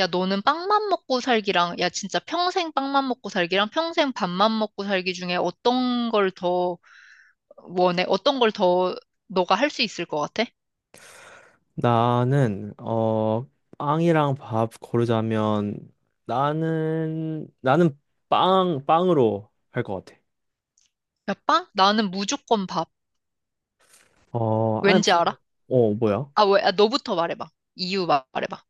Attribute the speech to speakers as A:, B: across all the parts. A: 야, 너는 빵만 먹고 살기랑, 야, 진짜 평생 빵만 먹고 살기랑 평생 밥만 먹고 살기 중에 어떤 걸 더 원해? 어떤 걸 더 너가 할 수 있을 것 같아?
B: 나는 빵이랑 밥 고르자면 나는 빵 빵으로 할 것 같아.
A: 야, 빵? 나는 무조건 밥.
B: 어, 아니,
A: 왠지 알아?
B: 어 뭐야?
A: 아, 왜? 아, 너부터 말해봐. 이유 말해봐.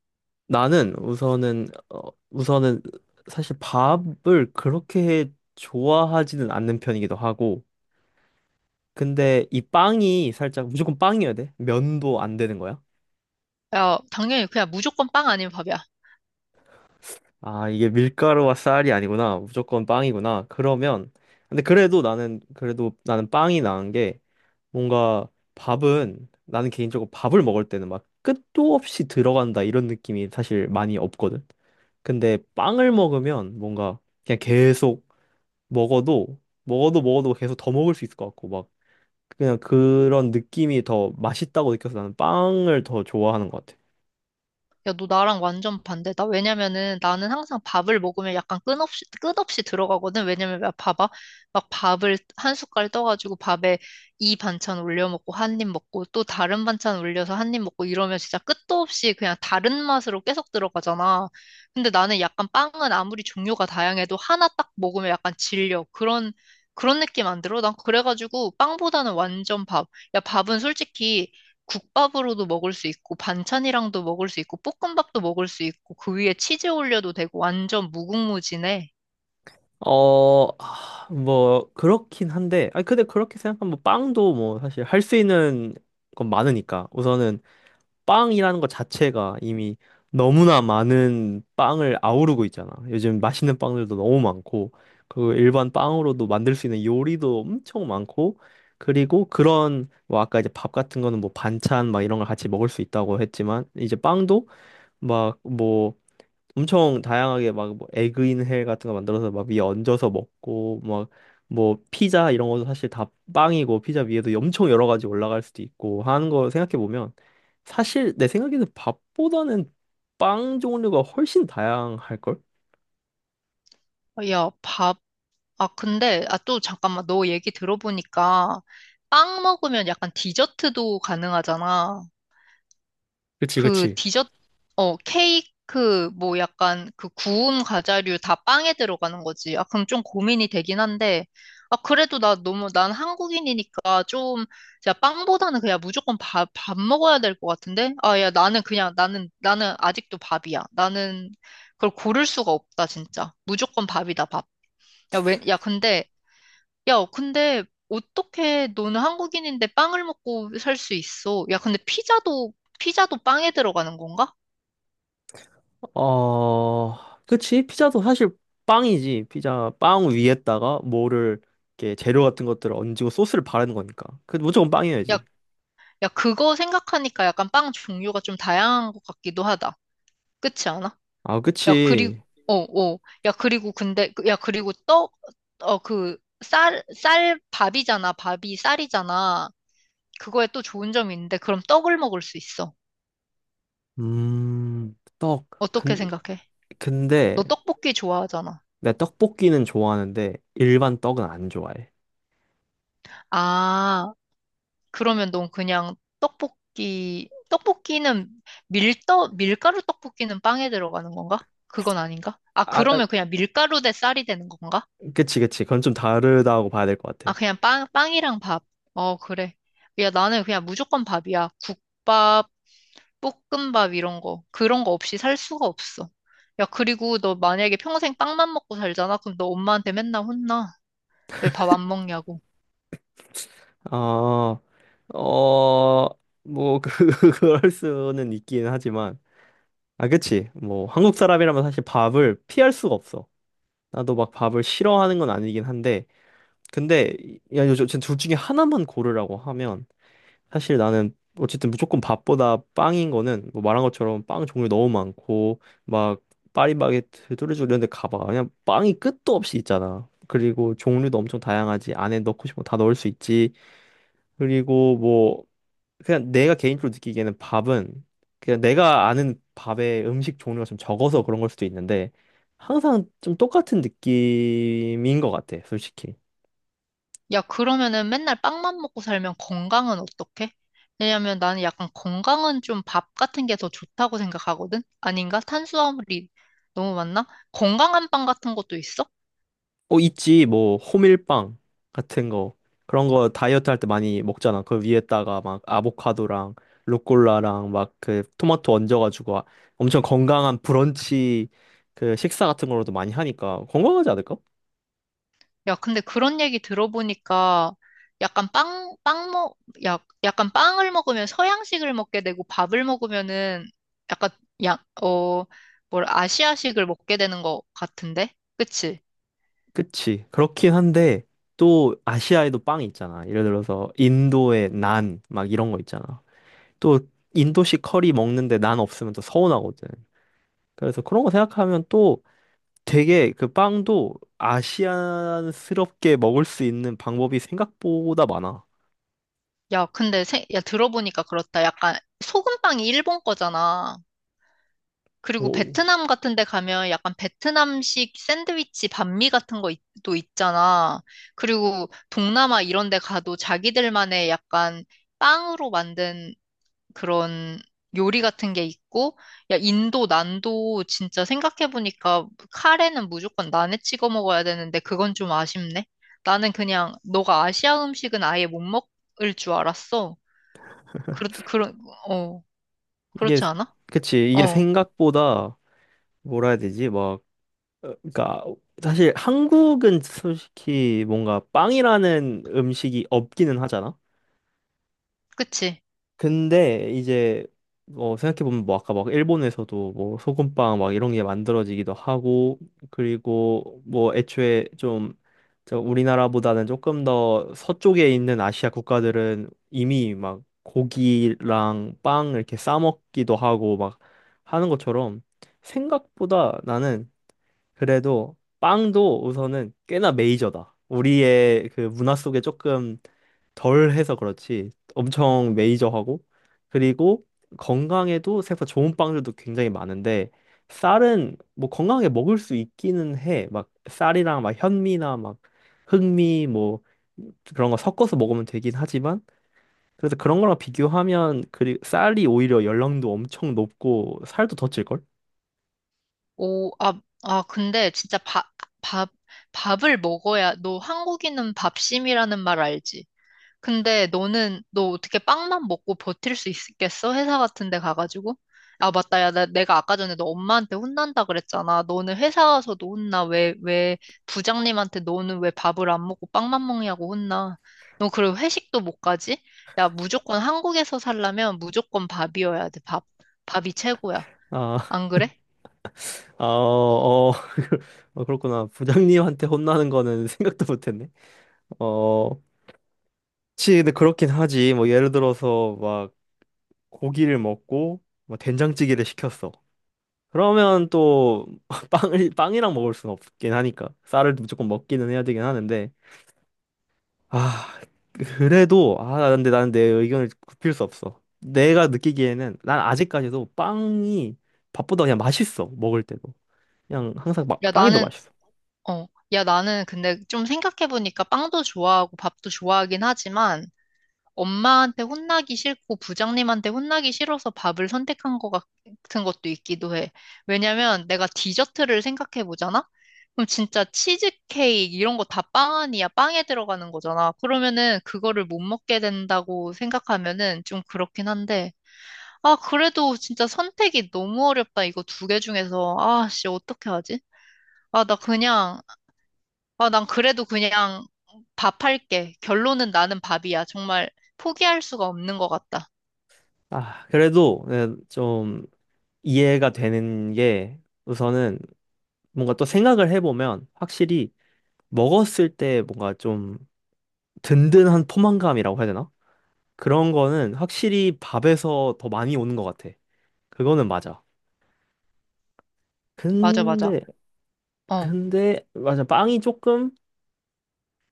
B: 나는 우선은 사실 밥을 그렇게 좋아하지는 않는 편이기도 하고, 근데 이 빵이 살짝 무조건 빵이어야 돼? 면도 안 되는 거야?
A: 야, 당연히 그냥 무조건 빵 아니면 밥이야.
B: 아, 이게 밀가루와 쌀이 아니구나. 무조건 빵이구나. 그러면 근데 그래도 나는 빵이 나은 게 뭔가 밥은 나는 개인적으로 밥을 먹을 때는 막 끝도 없이 들어간다 이런 느낌이 사실 많이 없거든. 근데 빵을 먹으면 뭔가 그냥 계속 먹어도 먹어도 계속 더 먹을 수 있을 것 같고 막 그냥 그런 느낌이 더 맛있다고 느껴서 나는 빵을 더 좋아하는 것 같아.
A: 야, 너 나랑 완전 반대다. 왜냐면은 나는 항상 밥을 먹으면 약간 끝없이 들어가거든. 왜냐면 막 봐봐. 막 밥을 한 숟갈 떠가지고 밥에 이 반찬 올려 먹고 한 입 먹고 또 다른 반찬 올려서 한 입 먹고 이러면 진짜 끝도 없이 그냥 다른 맛으로 계속 들어가잖아. 근데 나는 약간 빵은 아무리 종류가 다양해도 하나 딱 먹으면 약간 질려. 그런 느낌 안 들어? 난 그래가지고 빵보다는 완전 밥. 야, 밥은 솔직히 국밥으로도 먹을 수 있고 반찬이랑도 먹을 수 있고 볶음밥도 먹을 수 있고 그 위에 치즈 올려도 되고 완전 무궁무진해.
B: 어, 아, 뭐 그렇긴 한데, 아 근데 그렇게 생각하면 뭐 빵도 뭐 사실 할 수 있는 건 많으니까 우선은 빵이라는 것 자체가 이미 너무나 많은 빵을 아우르고 있잖아. 요즘 맛있는 빵들도 너무 많고, 그 일반 빵으로도 만들 수 있는 요리도 엄청 많고, 그리고 그런 뭐 아까 이제 밥 같은 거는 뭐 반찬 막 이런 걸 같이 먹을 수 있다고 했지만 이제 빵도 막뭐 엄청 다양하게 막뭐 에그인 헬 같은 거 만들어서 막 위에 얹어서 먹고 막 뭐 피자 이런 것도 사실 다 빵이고 피자 위에도 엄청 여러 가지 올라갈 수도 있고 하는 거 생각해 보면 사실 내 생각에는 밥보다는 빵 종류가 훨씬 다양할 걸?
A: 야, 밥. 아, 근데 아 또 잠깐만 너 얘기 들어보니까 빵 먹으면 약간 디저트도 가능하잖아.
B: 그치,
A: 그
B: 그치.
A: 디저트, 어, 케이크, 뭐 약간 그 구운 과자류 다 빵에 들어가는 거지. 아, 그럼 좀 고민이 되긴 한데. 아, 그래도 나 너무, 난 한국인이니까 좀, 야, 빵보다는 그냥 무조건 밥, 밥 먹어야 될 것 같은데? 아, 야, 나는 아직도 밥이야. 나는 그걸 고를 수가 없다, 진짜. 무조건 밥이다, 밥. 야, 왜, 야, 근데 야, 근데 어떻게 너는 한국인인데 빵을 먹고 살 수 있어? 야, 근데 피자도 빵에 들어가는 건가?
B: 어, 그치. 피자도 사실 빵이지. 피자 빵 위에다가 뭐를 이렇게 재료 같은 것들을 얹고 소스를 바르는 거니까. 그 무조건 빵이어야지.
A: 야, 야, 그거 생각하니까 약간 빵 종류가 좀 다양한 것 같기도 하다. 그렇지 않아?
B: 아,
A: 야, 그리고,
B: 그치.
A: 어, 어. 야, 그리고 근데, 야, 그리고 떡, 어, 쌀, 밥이잖아. 밥이 쌀이잖아. 그거에 또 좋은 점이 있는데, 그럼 떡을 먹을 수 있어.
B: 음, 떡.
A: 어떻게
B: 근,
A: 생각해?
B: 근데
A: 너 떡볶이 좋아하잖아.
B: 내 떡볶이는 좋아하는데 일반 떡은 안 좋아해.
A: 아, 그러면 넌 그냥 떡볶이는 밀떡, 밀가루 떡볶이는 빵에 들어가는 건가? 그건 아닌가? 아,
B: 아, 아,
A: 그러면 그냥 밀가루 대 쌀이 되는 건가?
B: 그치, 그치. 그건 좀 다르다고 봐야 될 것
A: 아,
B: 같아.
A: 그냥 빵이랑 밥. 어, 그래. 야, 나는 그냥 무조건 밥이야. 국밥, 볶음밥 이런 거. 그런 거 없이 살 수가 없어. 야, 그리고 너 만약에 평생 빵만 먹고 살잖아? 그럼 너 엄마한테 맨날 혼나. 왜 밥 안 먹냐고.
B: 어, 어, 뭐, 그, 그럴 수는 있긴 하지만. 아, 그치. 뭐, 한국 사람이라면 사실 밥을 피할 수가 없어. 나도 막 밥을 싫어하는 건 아니긴 한데. 근데, 야, 요즘 둘 중에 하나만 고르라고 하면 사실 나는 어쨌든 무조건 밥보다 빵인 거는 뭐 말한 것처럼 빵 종류 너무 많고 막 파리바게트, 뚜레쥬르 이런 데 가봐. 그냥 빵이 끝도 없이 있잖아. 그리고 종류도 엄청 다양하지. 안에 넣고 싶은 거 다 넣을 수 있지. 그리고 뭐 그냥 내가 개인적으로 느끼기에는 밥은 그냥 내가 아는 밥의 음식 종류가 좀 적어서 그런 걸 수도 있는데 항상 좀 똑같은 느낌인 것 같아, 솔직히.
A: 야, 그러면은 맨날 빵만 먹고 살면 건강은 어떡해? 왜냐면 나는 약간 건강은 좀 밥 같은 게 더 좋다고 생각하거든? 아닌가? 탄수화물이 너무 많나? 건강한 빵 같은 것도 있어?
B: 어, 있지. 뭐, 호밀빵 같은 거. 그런 거 다이어트 할 때 많이 먹잖아. 그 위에다가 막 아보카도랑 루꼴라랑 막 그 토마토 얹어가지고 엄청 건강한 브런치 그 식사 같은 걸로도 많이 하니까 건강하지 않을까?
A: 야, 근데 그런 얘기 들어보니까 약간 빵, 빵 먹, 야, 약간 빵을 먹으면 서양식을 먹게 되고 밥을 먹으면은 약간, 야, 어, 뭘 아시아식을 먹게 되는 것 같은데? 그치?
B: 그치. 그렇긴 한데 또 아시아에도 빵이 있잖아. 예를 들어서 인도의 난 막 이런 거 있잖아. 또 인도식 커리 먹는데 난 없으면 또 서운하거든. 그래서 그런 거 생각하면 또 되게 그 빵도 아시안스럽게 먹을 수 있는 방법이 생각보다 많아.
A: 야, 들어보니까 그렇다. 약간 소금빵이 일본 거잖아. 그리고
B: 오,
A: 베트남 같은 데 가면 약간 베트남식 샌드위치 반미 같은 거 또 있잖아. 그리고 동남아 이런 데 가도 자기들만의 약간 빵으로 만든 그런 요리 같은 게 있고, 야, 인도, 난도 진짜 생각해보니까 카레는 무조건 난에 찍어 먹어야 되는데 그건 좀 아쉽네. 나는 그냥 너가 아시아 음식은 아예 못 먹을 줄 알았어. 그렇, 그런, 어,
B: 이게
A: 그렇지 않아?
B: 그치 이게
A: 어,
B: 생각보다 뭐라 해야 되지 막 어, 그러니까 사실 한국은 솔직히 뭔가 빵이라는 음식이 없기는 하잖아.
A: 그치?
B: 근데 이제 뭐 생각해보면 뭐 아까 막 일본에서도 뭐 소금빵 막 이런 게 만들어지기도 하고 그리고 뭐 애초에 좀 저 우리나라보다는 조금 더 서쪽에 있는 아시아 국가들은 이미 막 고기랑 빵 이렇게 싸 먹기도 하고 막 하는 것처럼 생각보다 나는 그래도 빵도 우선은 꽤나 메이저다. 우리의 그 문화 속에 조금 덜 해서 그렇지 엄청 메이저하고 그리고 건강에도 생각보다 좋은 빵들도 굉장히 많은데 쌀은 뭐 건강하게 먹을 수 있기는 해. 막 쌀이랑 막 현미나 막 흑미 뭐 그런 거 섞어서 먹으면 되긴 하지만 그래서 그런 거랑 비교하면 그리 쌀이 오히려 열량도 엄청 높고 살도 더 찔걸?
A: 오, 아, 아, 근데 진짜 밥, 밥을 먹어야, 너 한국인은 밥심이라는 말 알지? 근데 너 어떻게 빵만 먹고 버틸 수 있겠어? 회사 같은 데 가가지고? 아, 맞다. 야, 내가 아까 전에 너 엄마한테 혼난다 그랬잖아. 너는 회사 가서도 혼나. 부장님한테 너는 왜 밥을 안 먹고 빵만 먹냐고 혼나. 너 그리고 회식도 못 가지? 야, 무조건 한국에서 살려면 무조건 밥이어야 돼, 밥. 밥이 최고야.
B: 아,
A: 안 그래?
B: 아, 어, 어, 어, 그렇구나. 부장님한테 혼나는 거는 생각도 못했네. 어, 그치, 근데 그렇긴 하지. 뭐, 예를 들어서, 막, 고기를 먹고, 뭐, 된장찌개를 시켰어. 그러면 또, 빵이랑 먹을 수는 없긴 하니까. 쌀을 무조건 먹기는 해야 되긴 하는데. 아, 그래도, 아, 근데 나는 내 의견을 굽힐 수 없어. 내가 느끼기에는, 난 아직까지도 빵이 밥보다 그냥 맛있어. 먹을 때도. 그냥 항상
A: 야,
B: 빵이 더
A: 나는,
B: 맛있어.
A: 어, 야, 나는 근데 좀 생각해보니까 빵도 좋아하고 밥도 좋아하긴 하지만 엄마한테 혼나기 싫고 부장님한테 혼나기 싫어서 밥을 선택한 것 같은 것도 있기도 해. 왜냐면 내가 디저트를 생각해보잖아? 그럼 진짜 치즈케이크 이런 거 다 빵 아니야? 빵에 들어가는 거잖아. 그러면은 그거를 못 먹게 된다고 생각하면은 좀 그렇긴 한데. 아, 그래도 진짜 선택이 너무 어렵다. 이거 두 개 중에서. 아, 씨, 어떻게 하지? 아, 나 그냥 난 그래도 그냥 밥 할게. 결론은 나는 밥이야. 정말 포기할 수가 없는 것 같다.
B: 아, 그래도 네, 좀 이해가 되는 게 우선은 뭔가 또 생각을 해보면 확실히 먹었을 때 뭔가 좀 든든한 포만감이라고 해야 되나? 그런 거는 확실히 밥에서 더 많이 오는 것 같아. 그거는 맞아.
A: 맞아, 맞아.
B: 근데,
A: 어.
B: 근데, 맞아. 빵이 조금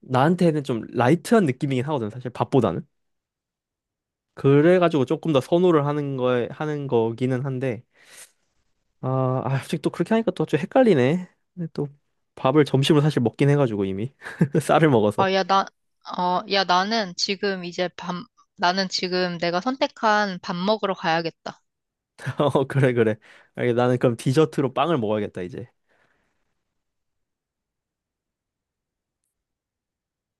B: 나한테는 좀 라이트한 느낌이긴 하거든, 사실 밥보다는. 그래가지고 조금 더 하는 거기는 한데. 아, 아, 솔직히 또 그렇게 하니까 또 좀 헷갈리네. 근데 또 밥을 점심으로 사실 먹긴 해가지고 이미 쌀을 먹어서.
A: 아, 야, 나, 야, 나는 지금 이제 나는 지금 내가 선택한 밥 먹으러 가야겠다.
B: 어, 그래 그래. 알겠, 나는 그럼 디저트로 빵을 먹어야겠다 이제.